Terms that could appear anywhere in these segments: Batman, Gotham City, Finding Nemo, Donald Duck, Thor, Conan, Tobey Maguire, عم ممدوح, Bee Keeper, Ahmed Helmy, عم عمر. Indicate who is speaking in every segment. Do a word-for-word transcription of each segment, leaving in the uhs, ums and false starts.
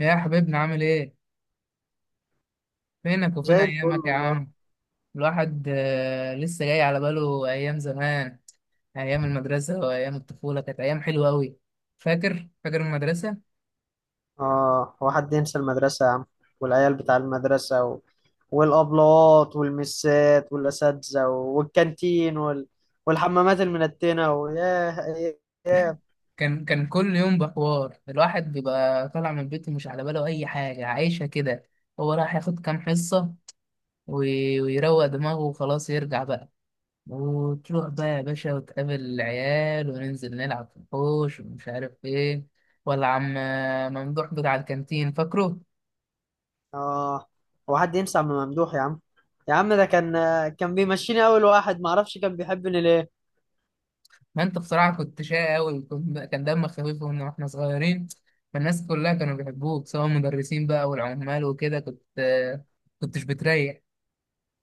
Speaker 1: يا حبيبنا عامل ايه؟ فينك وفين
Speaker 2: زي الفل
Speaker 1: ايامك يا
Speaker 2: والله.
Speaker 1: عم؟ الواحد آه، لسه جاي على باله ايام زمان. ايام المدرسة وايام الطفولة كانت ايام حلوة قوي. فاكر فاكر المدرسة؟
Speaker 2: اه هو حد ينسى المدرسة يا عم؟ والعيال بتاع المدرسة و... والأبلات والمسات والأساتذة والكانتين وال... والحمامات المنتنة، وياه أيام.
Speaker 1: كان كان كل يوم بحوار، الواحد بيبقى طالع من بيته مش على باله اي حاجة، عايشة كده. هو راح ياخد كام حصة وي- ويروق دماغه وخلاص يرجع بقى. وتروح بقى يا باشا وتقابل العيال وننزل نلعب في الحوش ومش عارف ايه. ولا عم ممدوح بتاع الكانتين فاكره؟
Speaker 2: اه هو حد ينسى عم ممدوح يا عم؟ يا عم ده كان كان بيمشيني أول واحد، معرفش كان بيحبني ليه.
Speaker 1: ما انت بصراحة كنت شقي أوي، كنت كان دمك خفيف، وإن واحنا صغيرين، فالناس كلها كانوا بيحبوك سواء المدرسين بقى والعمال وكده، كنت كنتش بتريح.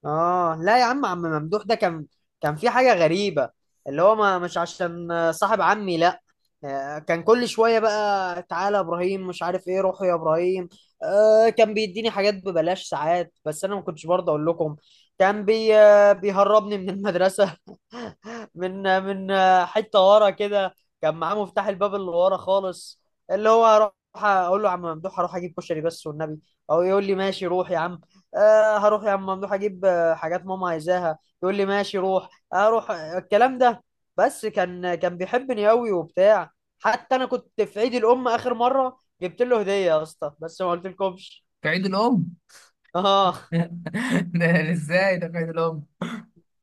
Speaker 2: اه، لا يا عم، عم ممدوح ده كان كان في حاجة غريبة. اللي هو ما مش عشان صاحب عمي، لا. آه، كان كل شوية بقى تعالى يا ابراهيم مش عارف ايه، روحوا يا ابراهيم. آه كان بيديني حاجات ببلاش ساعات، بس انا ما كنتش برضه اقول لكم. كان بي آه، بيهربني من المدرسة. من آه، من آه، حتة ورا كده. كان معاه مفتاح الباب اللي ورا خالص. اللي هو هروح اقول له يا عم ممدوح، هروح اجيب كشري بس والنبي، او يقول لي ماشي روح يا عم. آه هروح يا عم ممدوح اجيب حاجات ماما عايزاها، يقول لي ماشي روح، اروح الكلام ده. بس كان كان بيحبني قوي وبتاع. حتى انا كنت في عيد الام اخر مره جبت له هديه يا اسطى، بس ما قلتلكمش.
Speaker 1: في عيد الأم؟
Speaker 2: اه
Speaker 1: ده ازاي ده في عيد الأم؟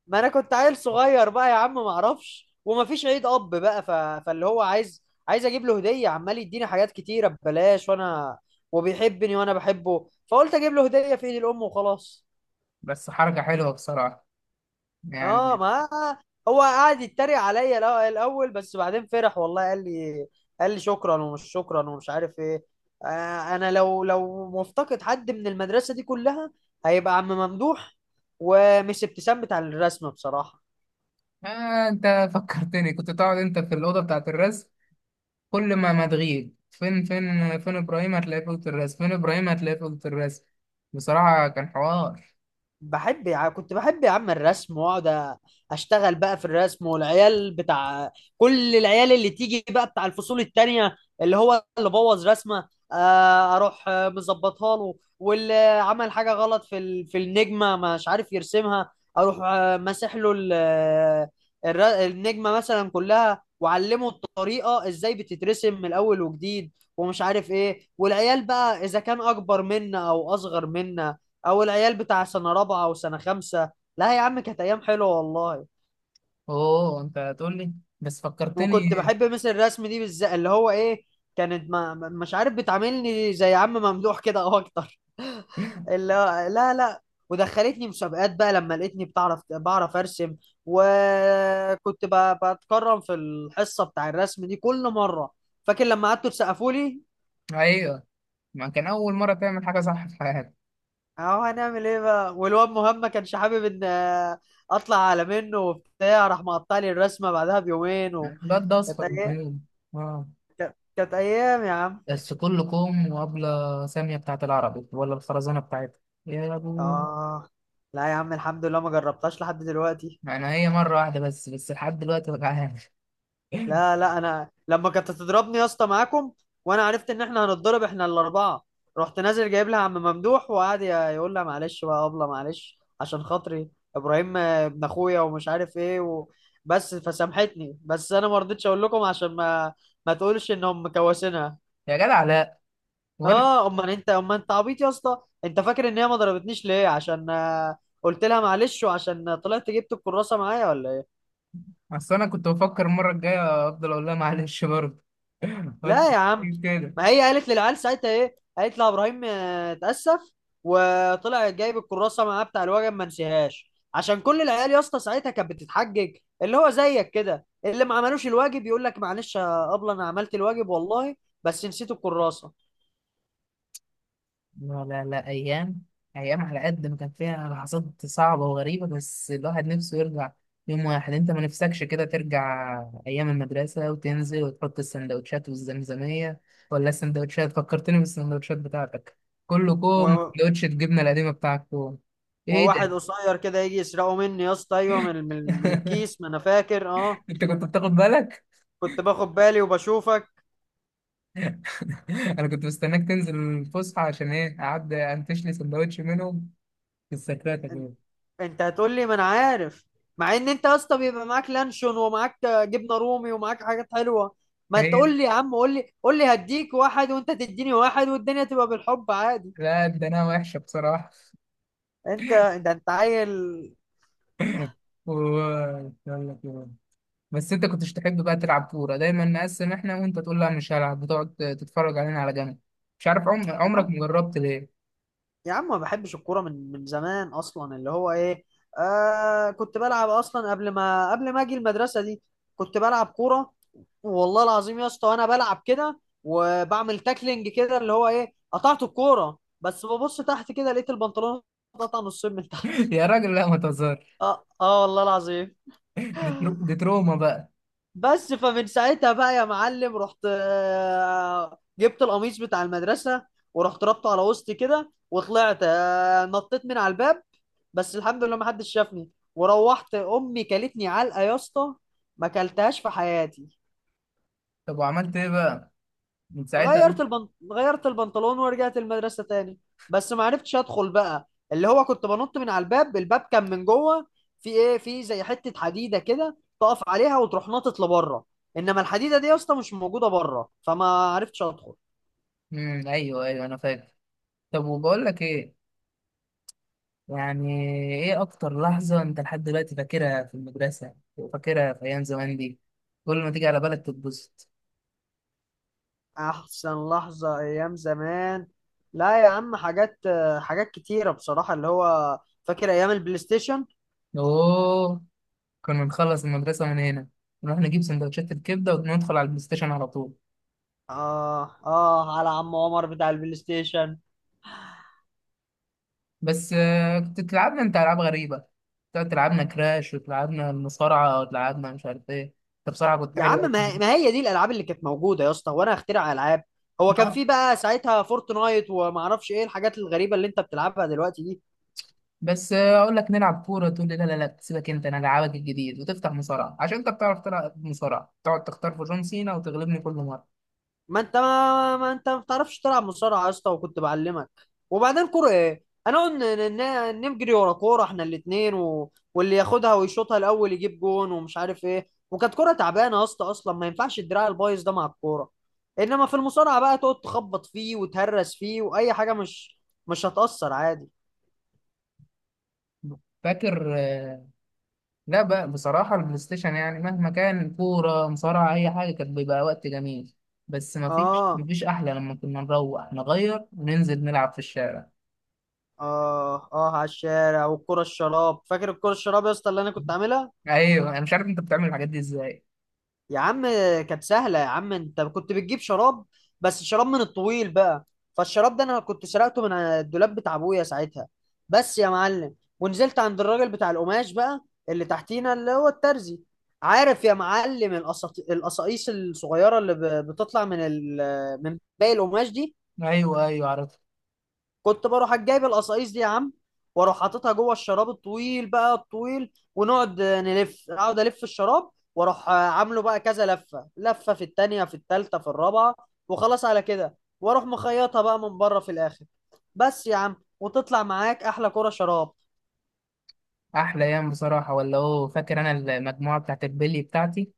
Speaker 2: ما انا كنت عيل صغير بقى يا عم، ما اعرفش، وما فيش عيد اب بقى، ف... فاللي هو عايز عايز اجيب له هديه، عمال يديني حاجات كتيره ببلاش، وانا وبيحبني وانا بحبه، فقلت اجيب له هديه في عيد الام وخلاص.
Speaker 1: بس حركة حلوة بصراحة،
Speaker 2: اه
Speaker 1: يعني.
Speaker 2: ما هو قعد يتريق عليا الأ- الاول، بس بعدين فرح والله. قال لي قال لي شكرا ومش شكرا ومش عارف ايه. آه، انا لو لو مفتقد حد من المدرسه دي كلها، هيبقى عم ممدوح، ومس ابتسام بتاع الرسم بصراحه.
Speaker 1: آه، انت فكرتني، كنت تقعد انت في الأوضة بتاعة الرسم، كل ما ما تغيب، فين فين فين إبراهيم؟ هتلاقيه في أوضة الرسم. فين إبراهيم؟ هتلاقيه في أوضة الرسم. بصراحة كان حوار.
Speaker 2: بحب يا ع- كنت بحب يا عم الرسم، واقعد أ- اشتغل بقى في الرسم، والعيال بتاع، كل العيال اللي تيجي بقى بتاع الفصول التانية، اللي هو اللي بوظ رسمة، آه، اروح آه، مظبطها له، واللي عمل حاجة غلط في ال- في النجمة مش عارف يرسمها، اروح آه، ماسح له ال- آه، الر- النجمة مثلا كلها، وعلمه الطريقة ازاي بتترسم من الاول وجديد ومش عارف ايه. والعيال بقى اذا كان اكبر منا او اصغر منا، او العيال بتاع سنه رابعه او سنه خمسه. لا يا عم كانت ايام حلوه والله.
Speaker 1: أوه انت هتقول لي، بس
Speaker 2: وكنت
Speaker 1: فكرتني.
Speaker 2: بحب مس الرسم دي بالذات، اللي هو ايه، كانت ما ما- مش عارف، بتعاملني زي عم ممدوح كده او اكتر. اللي هو لا، لا. ودخلتني مسابقات بقى لما لقيتني بتعرف بعرف ارسم. وكنت ب- بتكرم في الحصه بتاع الرسم دي كل مره. فاكر لما قعدتوا تسقفوا لي؟
Speaker 1: ايوه. ما كان اول مره تعمل حاجه صح في حياتك.
Speaker 2: اهو هنعمل ايه بقى، والواد مهم ما كانش حابب ان آه، اطلع على منه وبتاع، راح مقطع لي الرسمه بعدها بيومين.
Speaker 1: الواد ده
Speaker 2: كانت
Speaker 1: اصفر من
Speaker 2: ايام.
Speaker 1: اليوم. اه.
Speaker 2: كانت كانت ايام يا عم.
Speaker 1: بس كلكم وابله ساميه بتاعت العربي ولا الخرزانه بتاعتها يا ابو.
Speaker 2: اه، لا يا عم الحمد لله ما جربتهاش لحد دلوقتي.
Speaker 1: انا هي مره واحده بس بس لحد دلوقتي وجعان.
Speaker 2: لا لا، انا لما كانت تضربني يا اسطى معاكم، وانا عرفت ان احنا هنتضرب احنا الاربعه، رحت نازل جايب لها عم ممدوح، وقعد ي- يقول لها معلش بقى ابله، معلش عشان خاطري، ابراهيم آه، ابن اخويا ومش عارف ايه، و... بس فسامحتني، بس انا ما رضيتش اقول لكم عشان ما ما تقولش انهم مكوسينها.
Speaker 1: يا جدع لا. وانا
Speaker 2: اه امال انت، امال انت عبيط يا اسطى. انت فاكر ان هي ما ضربتنيش ليه؟ عشان آه، قلت لها معلش، وعشان آه، طلعت جبت الكراسه معايا ولا ايه.
Speaker 1: اصل انا كنت بفكر المره الجايه افضل اقول لها معلش برضه. قلت
Speaker 2: لا يا عم،
Speaker 1: كده.
Speaker 2: ما هي قالت للعيال ساعتها ايه، قالت لها ابراهيم آه، اتاسف، وطلع جايب الكراسه معاه بتاع الوجب ما نسيهاش. عشان كل العيال يا اسطى ساعتها كانت بتتحجج، اللي هو زيك كده، اللي ما عملوش الواجب يقول لك معلش يا ابله انا عملت الواجب والله، بس نسيت الكراسه.
Speaker 1: لا لا لا، أيام. أيام، على قد ما كان فيها لحظات صعبة وغريبة، بس الواحد نفسه يرجع. يوم واحد أنت ما نفسكش كده ترجع؟ أيام المدرسة، وتنزل وتحط السندوتشات والزمزمية. ولا السندوتشات، فكرتني بالسندوتشات بتاعتك. كله كوم
Speaker 2: و...
Speaker 1: وسندوتش الجبنة القديمة بتاعك كوم. إيه
Speaker 2: وواحد
Speaker 1: ده؟
Speaker 2: قصير كده يجي يسرقه مني يا اسطى، ايوه، من من من الكيس، ما انا فاكر. اه،
Speaker 1: أنت كنت بتاخد بالك؟
Speaker 2: كنت باخد بالي وبشوفك.
Speaker 1: أنا كنت مستناك تنزل الفسحة عشان إيه، أعدي أنتش لي سندوتش منهم. في السكرات يا جماعة.
Speaker 2: انت هتقول لي، ما انا عارف، مع ان انت يا اسطى بيبقى معاك لانشون، ومعاك جبنه رومي، ومعاك حاجات حلوه. ما
Speaker 1: هي،
Speaker 2: تقول لي يا عم، قول لي قول لي هديك واحد وانت تديني واحد، والدنيا تبقى بالحب عادي.
Speaker 1: لا ده أنا وحشة بصراحة.
Speaker 2: انت، انت انت عيل.
Speaker 1: ويلا كده. بس انت كنتش تحب بقى تلعب كورة، دايما نقسم احنا وانت تقول لا مش هلعب، بتقعد تتفرج علينا على جنب. مش عارف عم...
Speaker 2: يا
Speaker 1: عمرك
Speaker 2: عم،
Speaker 1: مجربت ليه.
Speaker 2: يا عم ما بحبش الكوره من من زمان اصلا. اللي هو ايه، آه، كنت بلعب اصلا قبل ما قبل ما اجي المدرسه دي. كنت بلعب كوره والله العظيم يا اسطى، وانا بلعب كده وبعمل تاكلينج كده، اللي هو ايه، قطعت الكوره، بس ببص تحت كده لقيت البنطلون اتقطع نصين من تحت.
Speaker 1: يا راجل لا ما تهزرش.
Speaker 2: اه اه، والله العظيم.
Speaker 1: دي, ترو... دي تروما بقى.
Speaker 2: بس فمن ساعتها بقى يا معلم، رحت آه، جبت القميص بتاع المدرسه، ورحت ربطه على وسطي كده، وطلعت آه، نطيت من على الباب. بس الحمد لله ما حدش شافني. وروحت امي كلتني علقه يا اسطى ما كلتهاش في حياتي.
Speaker 1: طب وعملت ايه بقى من ساعتها؟
Speaker 2: غيرت البنط... غيرت البنطلون ورجعت المدرسة تاني. بس ما عرفتش ادخل بقى، اللي هو كنت بنط من على الباب، الباب كان من جوه في ايه، في زي حتة حديدة كده تقف عليها وتروح ناطط لبره، انما الحديدة دي يا اسطى مش موجودة بره، فما عرفتش ادخل.
Speaker 1: امم ايوه ايوه انا فاكر. طب وبقول لك ايه، يعني، ايه اكتر لحظة انت لحد دلوقتي فاكرها في المدرسة وفاكرها في ايام زمان دي، كل ما تيجي على بالك تتبسط؟
Speaker 2: احسن لحظة ايام زمان؟ لا يا عم، حاجات، حاجات كتيرة بصراحة، اللي هو فاكر ايام البلاي ستيشن.
Speaker 1: اوه، كنا نخلص المدرسة من هنا، نروح نجيب سندوتشات الكبدة وندخل على البلاي ستيشن على طول.
Speaker 2: اه اه، على عم عمر بتاع البلاي ستيشن.
Speaker 1: بس آه، كنت تلعبنا انت ألعاب غريبة، كنت تلعبنا كراش وتلعبنا المصارعة وتلعبنا مش عارف ايه. انت بصراحة كنت
Speaker 2: يا
Speaker 1: حلو
Speaker 2: عم، ما
Speaker 1: أوي.
Speaker 2: ما هي دي الالعاب اللي كانت موجوده يا اسطى، وانا اخترع العاب. هو كان
Speaker 1: آه،
Speaker 2: في بقى ساعتها فورتنايت، وما اعرفش ايه الحاجات الغريبه اللي انت بتلعبها دلوقتي دي.
Speaker 1: بس آه، أقول لك نلعب كورة تقول لي لا لا لا سيبك أنت، أنا ألعبك الجديد، وتفتح مصارعة عشان أنت بتعرف تلعب مصارعة، تقعد تختار في جون سينا وتغلبني كل مرة.
Speaker 2: ما انت ما, ما انت ما بتعرفش تلعب مصارعه يا اسطى، وكنت بعلمك. وبعدين كوره ايه، انا نجري ورا كوره احنا الاثنين و... واللي ياخدها ويشوطها الاول يجيب جون ومش عارف ايه. وكانت كوره تعبانه يا اسطى اصلا، ما ينفعش الدراع البايظ ده مع الكوره. انما في المصارعه بقى تقعد تخبط فيه وتهرس فيه، واي حاجه مش مش هتاثر عادي.
Speaker 1: فاكر؟ لا بقى بصراحة، البلاي ستيشن يعني مهما كان كورة مصارعة أي حاجة كان بيبقى وقت جميل. بس ما فيش
Speaker 2: اه
Speaker 1: مفيش أحلى لما كنا نروح نغير وننزل نلعب في الشارع.
Speaker 2: اه اه، على الشارع والكرة الشراب. فاكر الكرة الشراب يا اسطى اللي انا كنت عاملها؟
Speaker 1: أيوه، أنا مش عارف أنت بتعمل الحاجات دي إزاي.
Speaker 2: يا عم كانت سهلة يا عم، انت كنت بتجيب شراب، بس شراب من الطويل بقى. فالشراب ده انا كنت سرقته من الدولاب بتاع ابويا ساعتها، بس يا معلم، ونزلت عند الراجل بتاع القماش بقى اللي تحتينا، اللي هو الترزي. عارف يا معلم القصاط- القصاقيص الصغيرة اللي ب- بتطلع من ال... من باقي القماش دي.
Speaker 1: أيوه أيوه عرفت.
Speaker 2: كنت بروح جايب القصايص دي يا عم، واروح حاططها جوه الشراب الطويل بقى، الطويل، ونقعد نلف، اقعد الف الشراب، واروح عامله بقى كذا لفه، لفه في التانيه، في التالته، في الرابعه، وخلاص على كده، واروح مخيطها بقى من بره في الاخر، بس يا عم، وتطلع معاك احلى كرة شراب.
Speaker 1: أحلى أيام بصراحة. ولا هو فاكر أنا المجموعة بتاعت البلي بتاعتي؟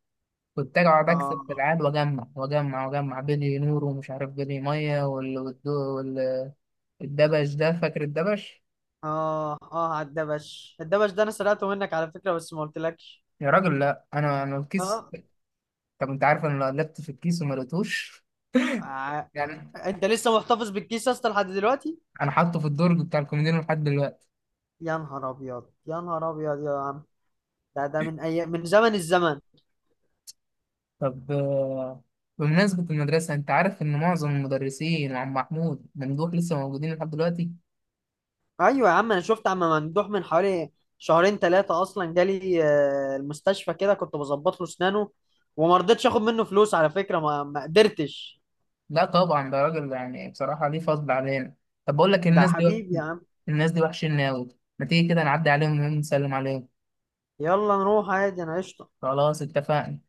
Speaker 1: كنت أجي أقعد
Speaker 2: اه
Speaker 1: أكسب في العاب وأجمع وأجمع وأجمع بلي نور ومش عارف بلي مية وال- والدو- وال- والدبش ده، فاكر الدبش؟
Speaker 2: اه اه، على الدبش. الدبش ده انا سرقته منك على فكره، بس ما قلتلكش.
Speaker 1: يا راجل لا، أنا أنا الكيس.
Speaker 2: اه،
Speaker 1: طب أنت عارف أنا لو قلبت في الكيس وما لقيتوش،
Speaker 2: ع-
Speaker 1: يعني.
Speaker 2: انت لسه محتفظ بالكيس يا اسطى لحد دلوقتي؟
Speaker 1: انا حاطه في الدرج بتاع الكوميديان لحد دلوقتي.
Speaker 2: يا نهار ابيض، يا نهار ابيض يا عم، ده ده من أي... من زمن الزمن.
Speaker 1: طب آه، بمناسبة المدرسة، انت عارف ان معظم المدرسين وعم محمود ممدوح لسه موجودين لحد دلوقتي؟
Speaker 2: ايوه يا عم، انا شفت عم ممدوح من حوالي شهرين ثلاثه اصلا، جالي آه، المستشفى كده، كنت بظبط له اسنانه، وما رضيتش اخد منه فلوس على فكره، ما, ما قدرتش.
Speaker 1: لا طبعا ده راجل يعني بصراحة ليه فضل علينا. طب بقول لك،
Speaker 2: ده
Speaker 1: الناس دي،
Speaker 2: حبيبي يا عم.
Speaker 1: الناس دي وحشين قوي، ما تيجي كده نعدي عليهم ونسلم عليهم.
Speaker 2: يلا نروح عادي انا قشطه.
Speaker 1: خلاص اتفقنا.